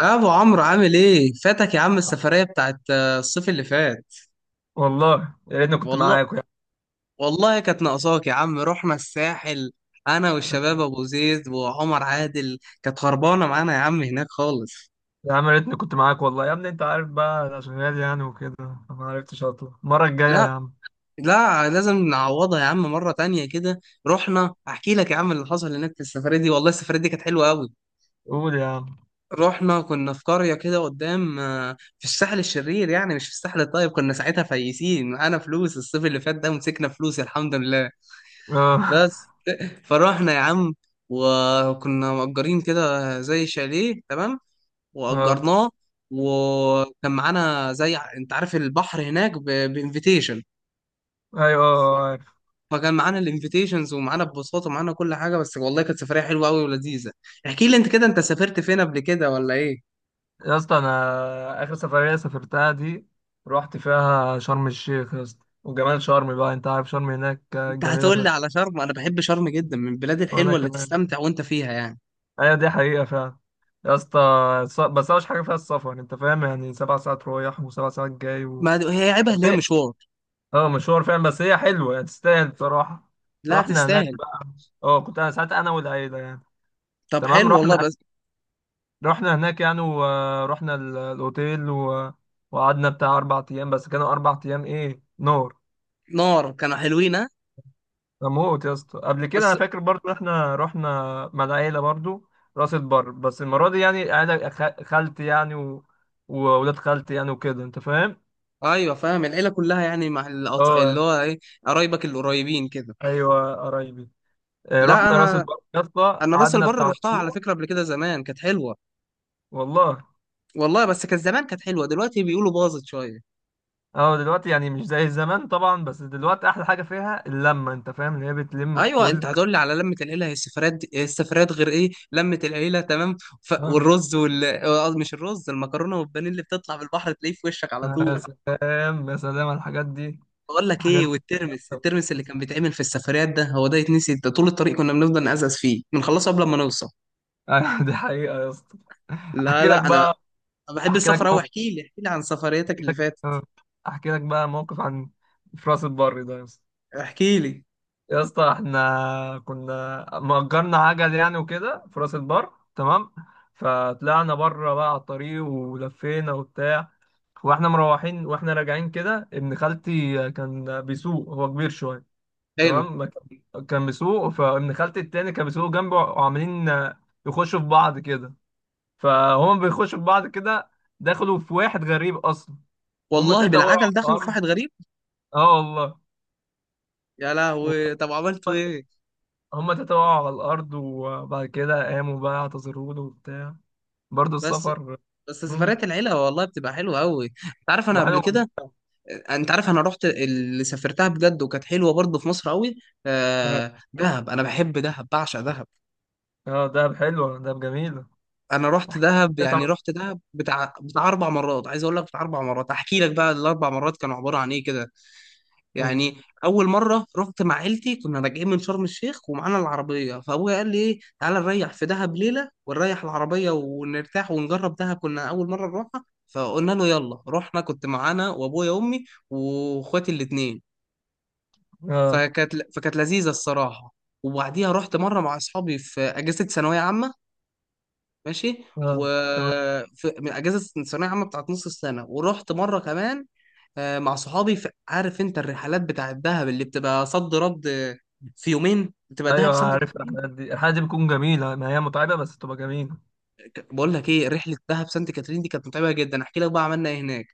ابو عمرو عامل ايه؟ فاتك يا عم السفريه بتاعت الصيف اللي فات. والله يا ريتني كنت والله معاك يا والله كانت ناقصاك يا عم. رحنا الساحل انا والشباب عم، ابو زيد وعمر عادل. كانت خربانه معانا يا عم هناك خالص. يا عم يا ريتني كنت معاك والله يا ابني انت عارف بقى انا شغال يعني وكده فما عرفتش اطلع المره الجايه يا لا عم. لا، لازم نعوضها يا عم مره تانية كده. رحنا، احكي لك يا عم اللي حصل هناك في السفريه دي. والله السفريه دي كانت حلوه قوي. قول يا عم. رحنا كنا في قريه كده قدام، في الساحل الشرير يعني، مش في الساحل الطيب. كنا ساعتها فايسين معانا فلوس الصيف اللي فات ده، ومسكنا فلوس الحمد لله. اه بس فروحنا يا عم. وكنا مأجرين كده زي شاليه تمام، اه. وأجرناه. وكان معانا زي انت عارف البحر هناك بانفيتيشن، ايوه اه اه، عارف. فكان معانا الانفيتيشنز ومعانا ببساطة ومعانا كل حاجة. بس والله كانت سفرية حلوة قوي ولذيذة. احكي لي انت كده، انت سافرت فين قبل كده ولا ايه؟ يا اسطى، انا اخر سفريه سافرتها دي رحت فيها شرم الشيخ يا اسطى. وجمال شرم بقى انت عارف شرم هناك انت جميله هتقول لي فشخ. على شرم؟ انا بحب شرم جدا، من البلاد وانا الحلوة اللي كمان. تستمتع وانت فيها يعني. ايوه دي حقيقه فعلا يا اسطى. بس اوحش حاجه فيها السفر انت فاهم يعني 7 ساعات رايح وسبع ساعات جاي و ما هي عيبها اللي هي مشوار. اه مشوار فعلا، بس هي حلوه يعني تستاهل بصراحه. لا، رحنا هناك تستاهل. بقى. اه كنت انا ساعتها انا والعيله يعني. طب تمام حلو والله. رحنا. بس رحنا هناك يعني ورحنا الاوتيل و وقعدنا بتاع 4 ايام، بس كانوا 4 ايام ايه نار. نار، كانوا حلوين ها؟ اموت يا اسطى. قبل كده بس انا فاكر برضو احنا رحنا مع العيله برضو راس البر. بس المره دي يعني عيله خالتي يعني و وولاد خالتي يعني وكده انت فاهم. ايوه فاهم، العيله كلها يعني، مع اه اللي هو ايه، قرايبك القريبين كده. ايوه قرايبي. لا رحنا راس انا، البر يا اسطى انا راس قعدنا البر بتاع رحتها على اسبوع. فكره قبل كده. زمان كانت حلوه والله. والله، بس كان زمان كانت حلوه، دلوقتي بيقولوا باظت شويه. اه دلوقتي يعني مش زي زمان طبعا، بس دلوقتي احلى حاجه فيها اللمه انت فاهم اللي هي بتلم ايوه، انت الكل. هتقول لي على لمه العيله؟ هي السفرات السفرات غير ايه، لمه العيله تمام. اه والرز وال آه، مش الرز، المكرونه والبانيه اللي بتطلع من البحر تلاقيه في وشك على يا طول. سلام يا سلام على الحاجات دي. بقول لك الحاجات ايه، دي والترمس، الترمس اللي كان بيتعمل في السفريات ده، هو ده يتنسي؟ ده طول الطريق كنا بنفضل نقزقز فيه، بنخلصه قبل ما نوصل. دي حقيقه يا اسطى. لا احكي لك لا انا، بقى أنا بحب احكي لك السفر أوي. موقف احكي لي عن سفريتك احكي اللي لك فاتت. آه، أحكي لك بقى موقف عن في راس البر ده يا اسطى. احكي لي. يا اسطى احنا كنا مأجرنا عجل يعني وكده في راس البر تمام. فطلعنا بره بقى على الطريق ولفينا وبتاع. واحنا مروحين واحنا راجعين كده ابن خالتي كان بيسوق هو كبير شويه. حلو تمام ما كان بيسوق فابن خالتي التاني كان بيسوق جنبه وعمالين يخشوا في بعض كده. فهم بيخشوا في بعض كده. دخلوا في واحد غريب اصلا. هم والله، تلاته وقعوا بالعجل على دخلوا في الارض. واحد غريب؟ اه والله. يا لهوي، طب عملتوا إيه؟ هم تلاته وقعوا على الارض وبعد كده قاموا بقى اعتذروا له وبتاع. برضه بس السفر. بس مم. سفريات العيلة والله بتبقى حلوة أوي. أنت عارف أنا تبقى قبل حلو. كده، أنت عارف أنا رحت اللي سافرتها بجد، وكانت حلوة برضه في مصر أوي. اه دهب، أنا بحب دهب، بعشق دهب. دهب حلوه دهب جميله. أنا رحت دهب يعني، رحت دهب بتاع 4 مرات، عايز أقول لك بتاع 4 مرات. أحكي لك بقى ال4 مرات كانوا عبارة عن إيه كده. يعني اول مره رحت مع عيلتي، كنا راجعين من شرم الشيخ ومعانا العربيه، فابويا قال لي ايه، تعالى نريح في دهب ليله ونريح العربيه ونرتاح ونجرب دهب. كنا اول مره نروحها، فقلنا له يلا. رحنا، كنت معانا وابويا وامي واخواتي الاتنين. اه فكانت لذيذه الصراحه. وبعديها رحت مره مع اصحابي في اجازه ثانويه عامه. ماشي، و اه. تمام. في من اجازه الثانويه عامه بتاعت نص السنه، ورحت مره كمان، مع صحابي. عارف انت الرحلات بتاعت دهب اللي بتبقى صد رد، في يومين بتبقى دهب ايوه سانت عارف. كاترين. الحلقات دي بتكون جميله، ما هي متعبه بس تبقى جميله. بقول لك ايه، رحله دهب سانت كاترين دي كانت متعبه جدا. احكي لك بقى عملنا ايه هناك.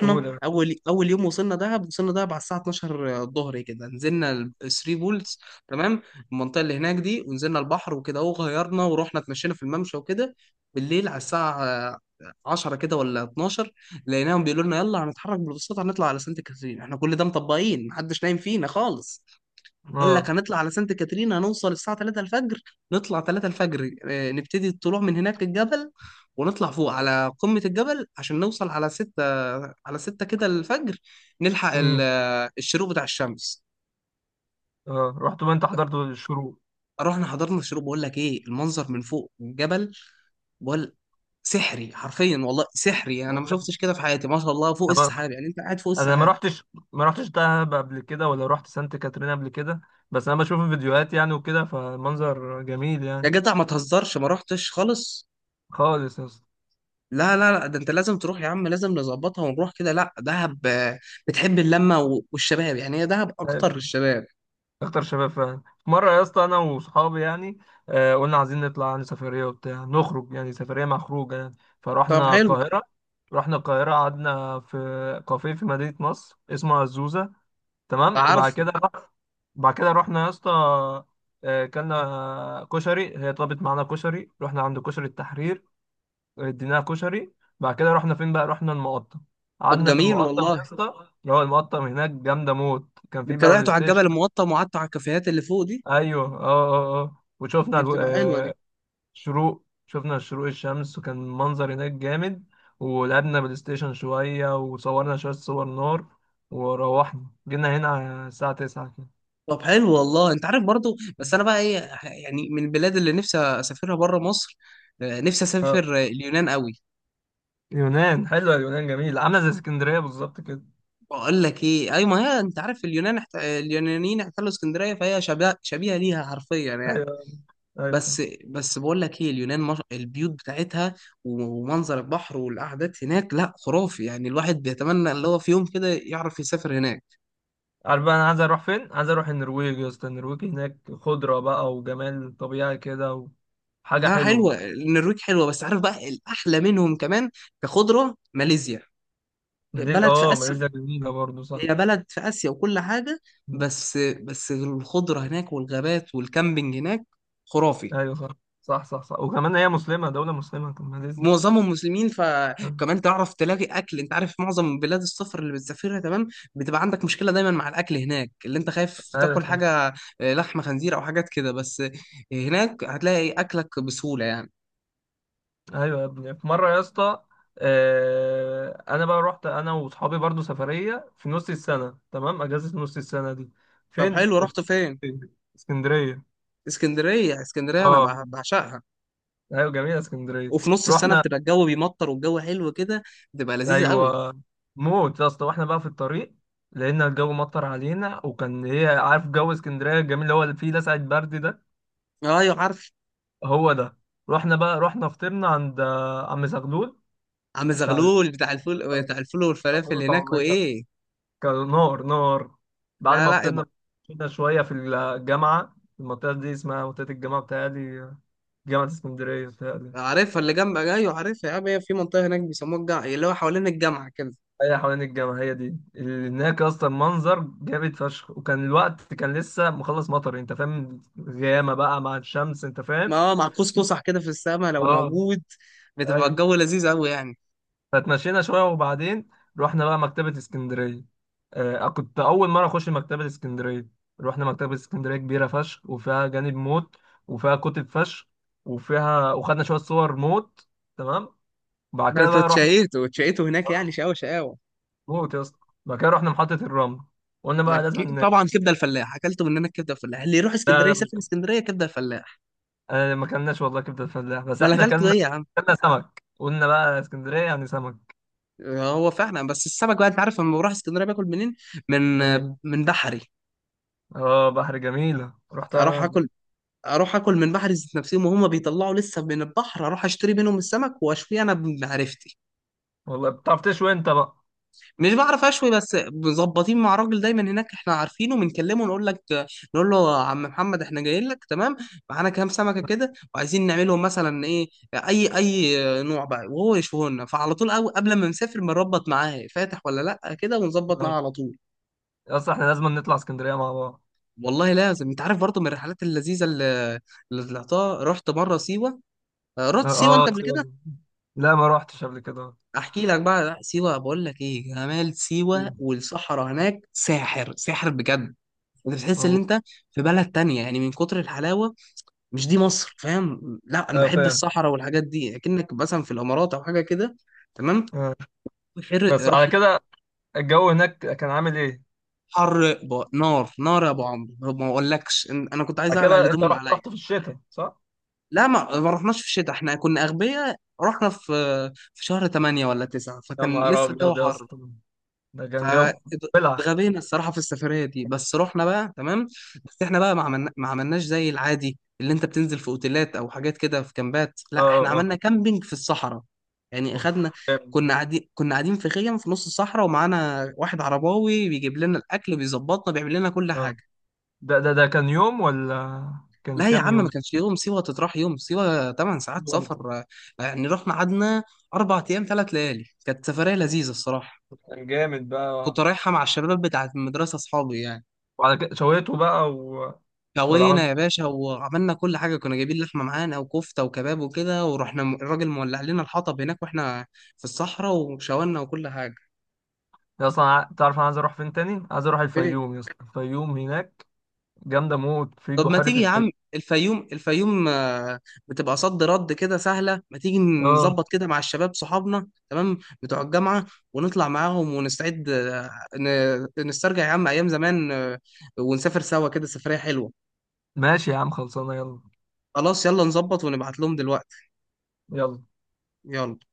قول يا باشا. اول، اول يوم وصلنا دهب، وصلنا دهب على الساعه 12 الظهر كده، نزلنا الثري بولز تمام، المنطقه اللي هناك دي. ونزلنا البحر وكده وغيرنا، ورحنا اتمشينا في الممشى وكده. بالليل على الساعه 10 كده ولا 12، لقيناهم بيقولوا لنا يلا هنتحرك بالبساطه، هنطلع على سانت كاترين. احنا كل ده مطبقين، محدش نايم فينا خالص. قال لك اه. هنطلع على سانت كاترين، هنوصل الساعة 3 الفجر. نطلع 3 الفجر، نبتدي الطلوع من هناك الجبل، ونطلع فوق على قمة الجبل عشان نوصل على 6، على 6 كده الفجر، نلحق امم الشروق بتاع الشمس. اه رحت بقى انت حضرت الشروق. رحنا حضرنا الشروق. بقول لك ايه، المنظر من فوق الجبل، بقول سحري حرفيا، والله سحري، انا ما انا شفتش كده في حياتي ما شاء الله، فوق بقى- السحاب يعني، انت قاعد فوق أنا السحاب. ما رحتش دهب قبل كده ولا رحت سانت كاترين قبل كده. بس انا بشوف الفيديوهات يعني وكده فالمنظر جميل يا يعني. جدع ما تهزرش، ما رحتش خالص؟ خالص يا اسطى. لا لا لا، ده انت لازم تروح يا عم، لازم نظبطها ونروح كده. لا دهب، بتحب اللمه والشباب يعني، هي دهب اكتر للشباب. اكتر شباب فعلا. مره يا اسطى انا وصحابي يعني، آه قلنا عايزين نطلع يعني سفريه وبتاع نخرج يعني سفريه مع خروجه يعني. طب فرحنا حلو. القاهره رحنا القاهره قعدنا في كافيه في مدينه نصر اسمه الزوزه. تمام. وبعد عارفه. كده رح- بعد كده رحنا يا اسطى. كلنا كشري هي طلبت معانا كشري رحنا عند كشري التحرير اديناها كشري. بعد كده رحنا فين بقى؟ رحنا المقطم. طب قعدنا في جميل المقطم يا والله. اسطى اللي هو المقطم هناك جامده موت. كان في انت بقى بلاي طلعتوا على ستيشن. الجبل المقطم وقعدتوا على الكافيهات اللي فوق دي؟ ايوه اه اه اه. وشفنا دي الو... بتبقى حلوه دي. آه شروق شفنا شروق الشمس وكان منظر هناك جامد. ولعبنا بلاي ستيشن شوية وصورنا شوية صور نار. وروحنا جينا هنا على الساعة 9 كده. طب حلو والله. انت عارف برضو، بس انا بقى ايه، يعني من البلاد اللي نفسي اسافرها بره مصر، نفسي آه. اسافر اليونان قوي. يونان حلوة. اليونان جميلة عاملة زي اسكندرية بالظبط كده. بقول لك ايه، اي ما هي انت عارف اليونان، اليونانيين احتلوا اسكندريه، فهي شبيهه ليها حرفيا يعني. ايوه ايوه صح. بس بقول لك ايه، اليونان مش... البيوت بتاعتها ومنظر البحر والقعدات هناك، لا خرافي يعني. الواحد بيتمنى اللي هو في يوم كده يعرف يسافر هناك. عارف بقى انا عايز اروح فين؟ عايز اروح النرويج يا اسطى. النرويج هناك خضرة بقى وجمال طبيعي كده وحاجة لا حلوة. حلوه النرويج، حلوه، بس عارف بقى الاحلى منهم كمان كخضره؟ ماليزيا، ماليزيا بلد في اه اسيا، ماليزيا جميلة برضه صح. هي بلد في اسيا وكل حاجه. بس الخضره هناك والغابات والكامبينج هناك خرافي. ايوه صح صح صح صح. وكمان هي مسلمه، دوله مسلمه، طب ما لازم. معظمهم مسلمين، فكمان تعرف تلاقي اكل. انت عارف معظم بلاد السفر اللي بتسافرها تمام، بتبقى عندك مشكله دايما مع الاكل هناك، اللي انت خايف ايوه تاكل صح. حاجه لحمه خنزير او حاجات كده. بس هناك هتلاقي اكلك بسهوله يعني. ايوه يا ابني. في مره يا اسطى، انا بقى رحت انا واصحابي برضو سفريه في نص السنه، تمام اجازه نص السنه دي. طب فين؟ حلو، رحت فين؟ في اسكندريه. اسكندريه؟ اسكندريه انا اه بعشقها. ايوه جميله اسكندريه. وفي نص السنه رحنا. بتبقى الجو بيمطر، والجو حلو كده، بتبقى لذيذه قوي. ايوه موت يا اسطى. واحنا بقى في الطريق لقينا الجو مطر علينا وكان هي عارف جو اسكندريه الجميل اللي هو اللي فيه لسعة برد ده. ايوه عارف. هو ده. رحنا بقى. رحنا فطرنا عند عم زغلول عم بتاع زغلول بتاع الفول، بتاع الفول الفول والفلافل هناك وطعمية. وايه. كان نار نار. بعد لا ما لا، فطرنا كنا شوية في الجامعة. المنطقة دي اسمها منطقة الجامعة بتاعتي، جامعة اسكندرية بتاعتي. عارفها اللي جنب، ايوه عارفها يا عم، هي في منطقه هناك بيسموها الجامعه، اللي هو حوالين الجامعه كده. هي حوالين الجامعة. هي دي اللي هناك أصلا منظر جامد فشخ. وكان الوقت كان لسه مخلص مطر أنت فاهم، غيامة بقى مع الشمس أنت ما فاهم. هو مع قوس قزح كده في السماء لو اه. موجود، بتبقى أيوه. الجو لذيذ قوي يعني. فتمشينا شويه وبعدين رحنا بقى مكتبه اسكندريه. آه كنت اول مره اخش مكتبه اسكندريه. رحنا مكتبه اسكندريه. كبيره فشخ وفيها جانب موت وفيها كتب فشخ. وفيها وخدنا شويه صور موت. تمام. بعد ده كده انت بقى رحنا اتشقيته، اتشقيته هناك يعني، شقاوه شقاوه. موت يا اسطى. بعد كده رحنا محطه الرمل. قلنا بقى لازم لكن طبعا كبده الفلاح، اكلته من هناك كبده الفلاح. اللي يروح اسكندريه يسافر اسكندريه كبده الفلاح. آه ما كلناش والله كبده الفلاح بس ما انا احنا اكلته كلنا. ايه يا عم. كلنا سمك. قلنا بقى اسكندريه يعني سمك هو فعلا، بس السمك بقى انت عارف لما بروح اسكندريه باكل منين؟ من يعني. من بحري. اه بحر جميله رحتها اروح قبل اكل كده. اروح اكل من بحري ذات نفسهم وهم بيطلعوا لسه من البحر. اروح اشتري منهم السمك واشويه انا بمعرفتي. والله بتعرف تشوي انت بقى. مش بعرف اشوي، بس مظبطين مع راجل دايما هناك احنا عارفينه، بنكلمه نقول لك، نقول له يا عم محمد احنا جايين لك تمام، معانا كام سمكه كده، وعايزين نعملهم مثلا ايه، اي نوع بقى، وهو يشوه لنا. فعلى طول أو قبل ما نسافر بنربط معاه، فاتح ولا لا كده، ونظبط معاه على طول. اصل احنا لازم نطلع اسكندريه مع بعض. والله لازم. انت عارف برضه من الرحلات اللذيذه اللي، اللي طلعتها، رحت مره سيوه، اه. رحت سيوه انت قبل سيبك. كده؟ لا ما روحتش قبل كده. احكي لك بقى. لا، سيوه بقول لك ايه، جمال سيوه مم. والصحراء هناك ساحر، ساحر بجد. انت بتحس ان والله. انت في بلد تانية يعني، من كتر الحلاوة مش دي مصر فاهم. لا انا اه بحب فاهم. الصحراء والحاجات دي، اكنك مثلا في الامارات او حاجة كده. تمام. آه. حر. بس على رحنا كده الجو هناك كان عامل ايه؟ حر، ب... نار نار يا ابو عمرو، ما اقولكش انا كنت عايز على اقلع كده الهدوم انت اللي رحت عليا. رحت في الشتاء صح؟ لا ما رحناش في الشتاء، احنا كنا اغبياء، رحنا في شهر 8 ولا 9، يا فكان نهار لسه الجو ابيض يا حر. اسطى. ده كان جو. بلع. اه فاتغبينا الصراحه في السفريه دي، بس رحنا بقى تمام. بس احنا بقى ما عملنا، ما عملناش زي العادي اللي انت بتنزل في اوتيلات او حاجات كده في كامبات. لا اه احنا عملنا اه. كامبينج في الصحراء، يعني اوف اخدنا، جامد. كنا قاعدين في خيم في نص الصحراء، ومعانا واحد عرباوي بيجيب لنا الاكل، بيظبطنا، بيعمل لنا كل آه. حاجه. ده كان يوم ولا كان لا يا كام عم ما يوم؟ كانش يوم، سيوه تتراح يوم؟ سيوه 8 ساعات جامد. سفر، يعني رحنا قعدنا 4 ايام 3 ليالي. كانت سفريه لذيذه الصراحه. كان جامد كنت بقى. رايحه مع الشباب بتاعت المدرسه، اصحابي يعني. وعلى كده شويته بقى و ولا عملت سوينا يا باشا، وعملنا كل حاجة. كنا جايبين لحمة معانا وكفتة وكباب وكده، ورحنا، الراجل مولع لنا الحطب هناك، واحنا في الصحراء، وشاورنا وكل حاجة. يا اصلا تعرف انا عايز اروح فين تاني؟ عايز اروح ايه؟ الفيوم يا اسطى. الفيوم هناك جامدة موت في طب ما بحيرة تيجي يا الفيشة. عم الفيوم بتبقى صد رد كده سهلة. ما تيجي اه نظبط كده مع الشباب صحابنا تمام بتوع الجامعة، ونطلع معاهم ونستعد، نسترجع يا عم أيام زمان، ونسافر سوا كده سفرية حلوة. ماشي يا عم خلصانة يلا. خلاص يلا نظبط ونبعت لهم دلوقتي. يلا يلا.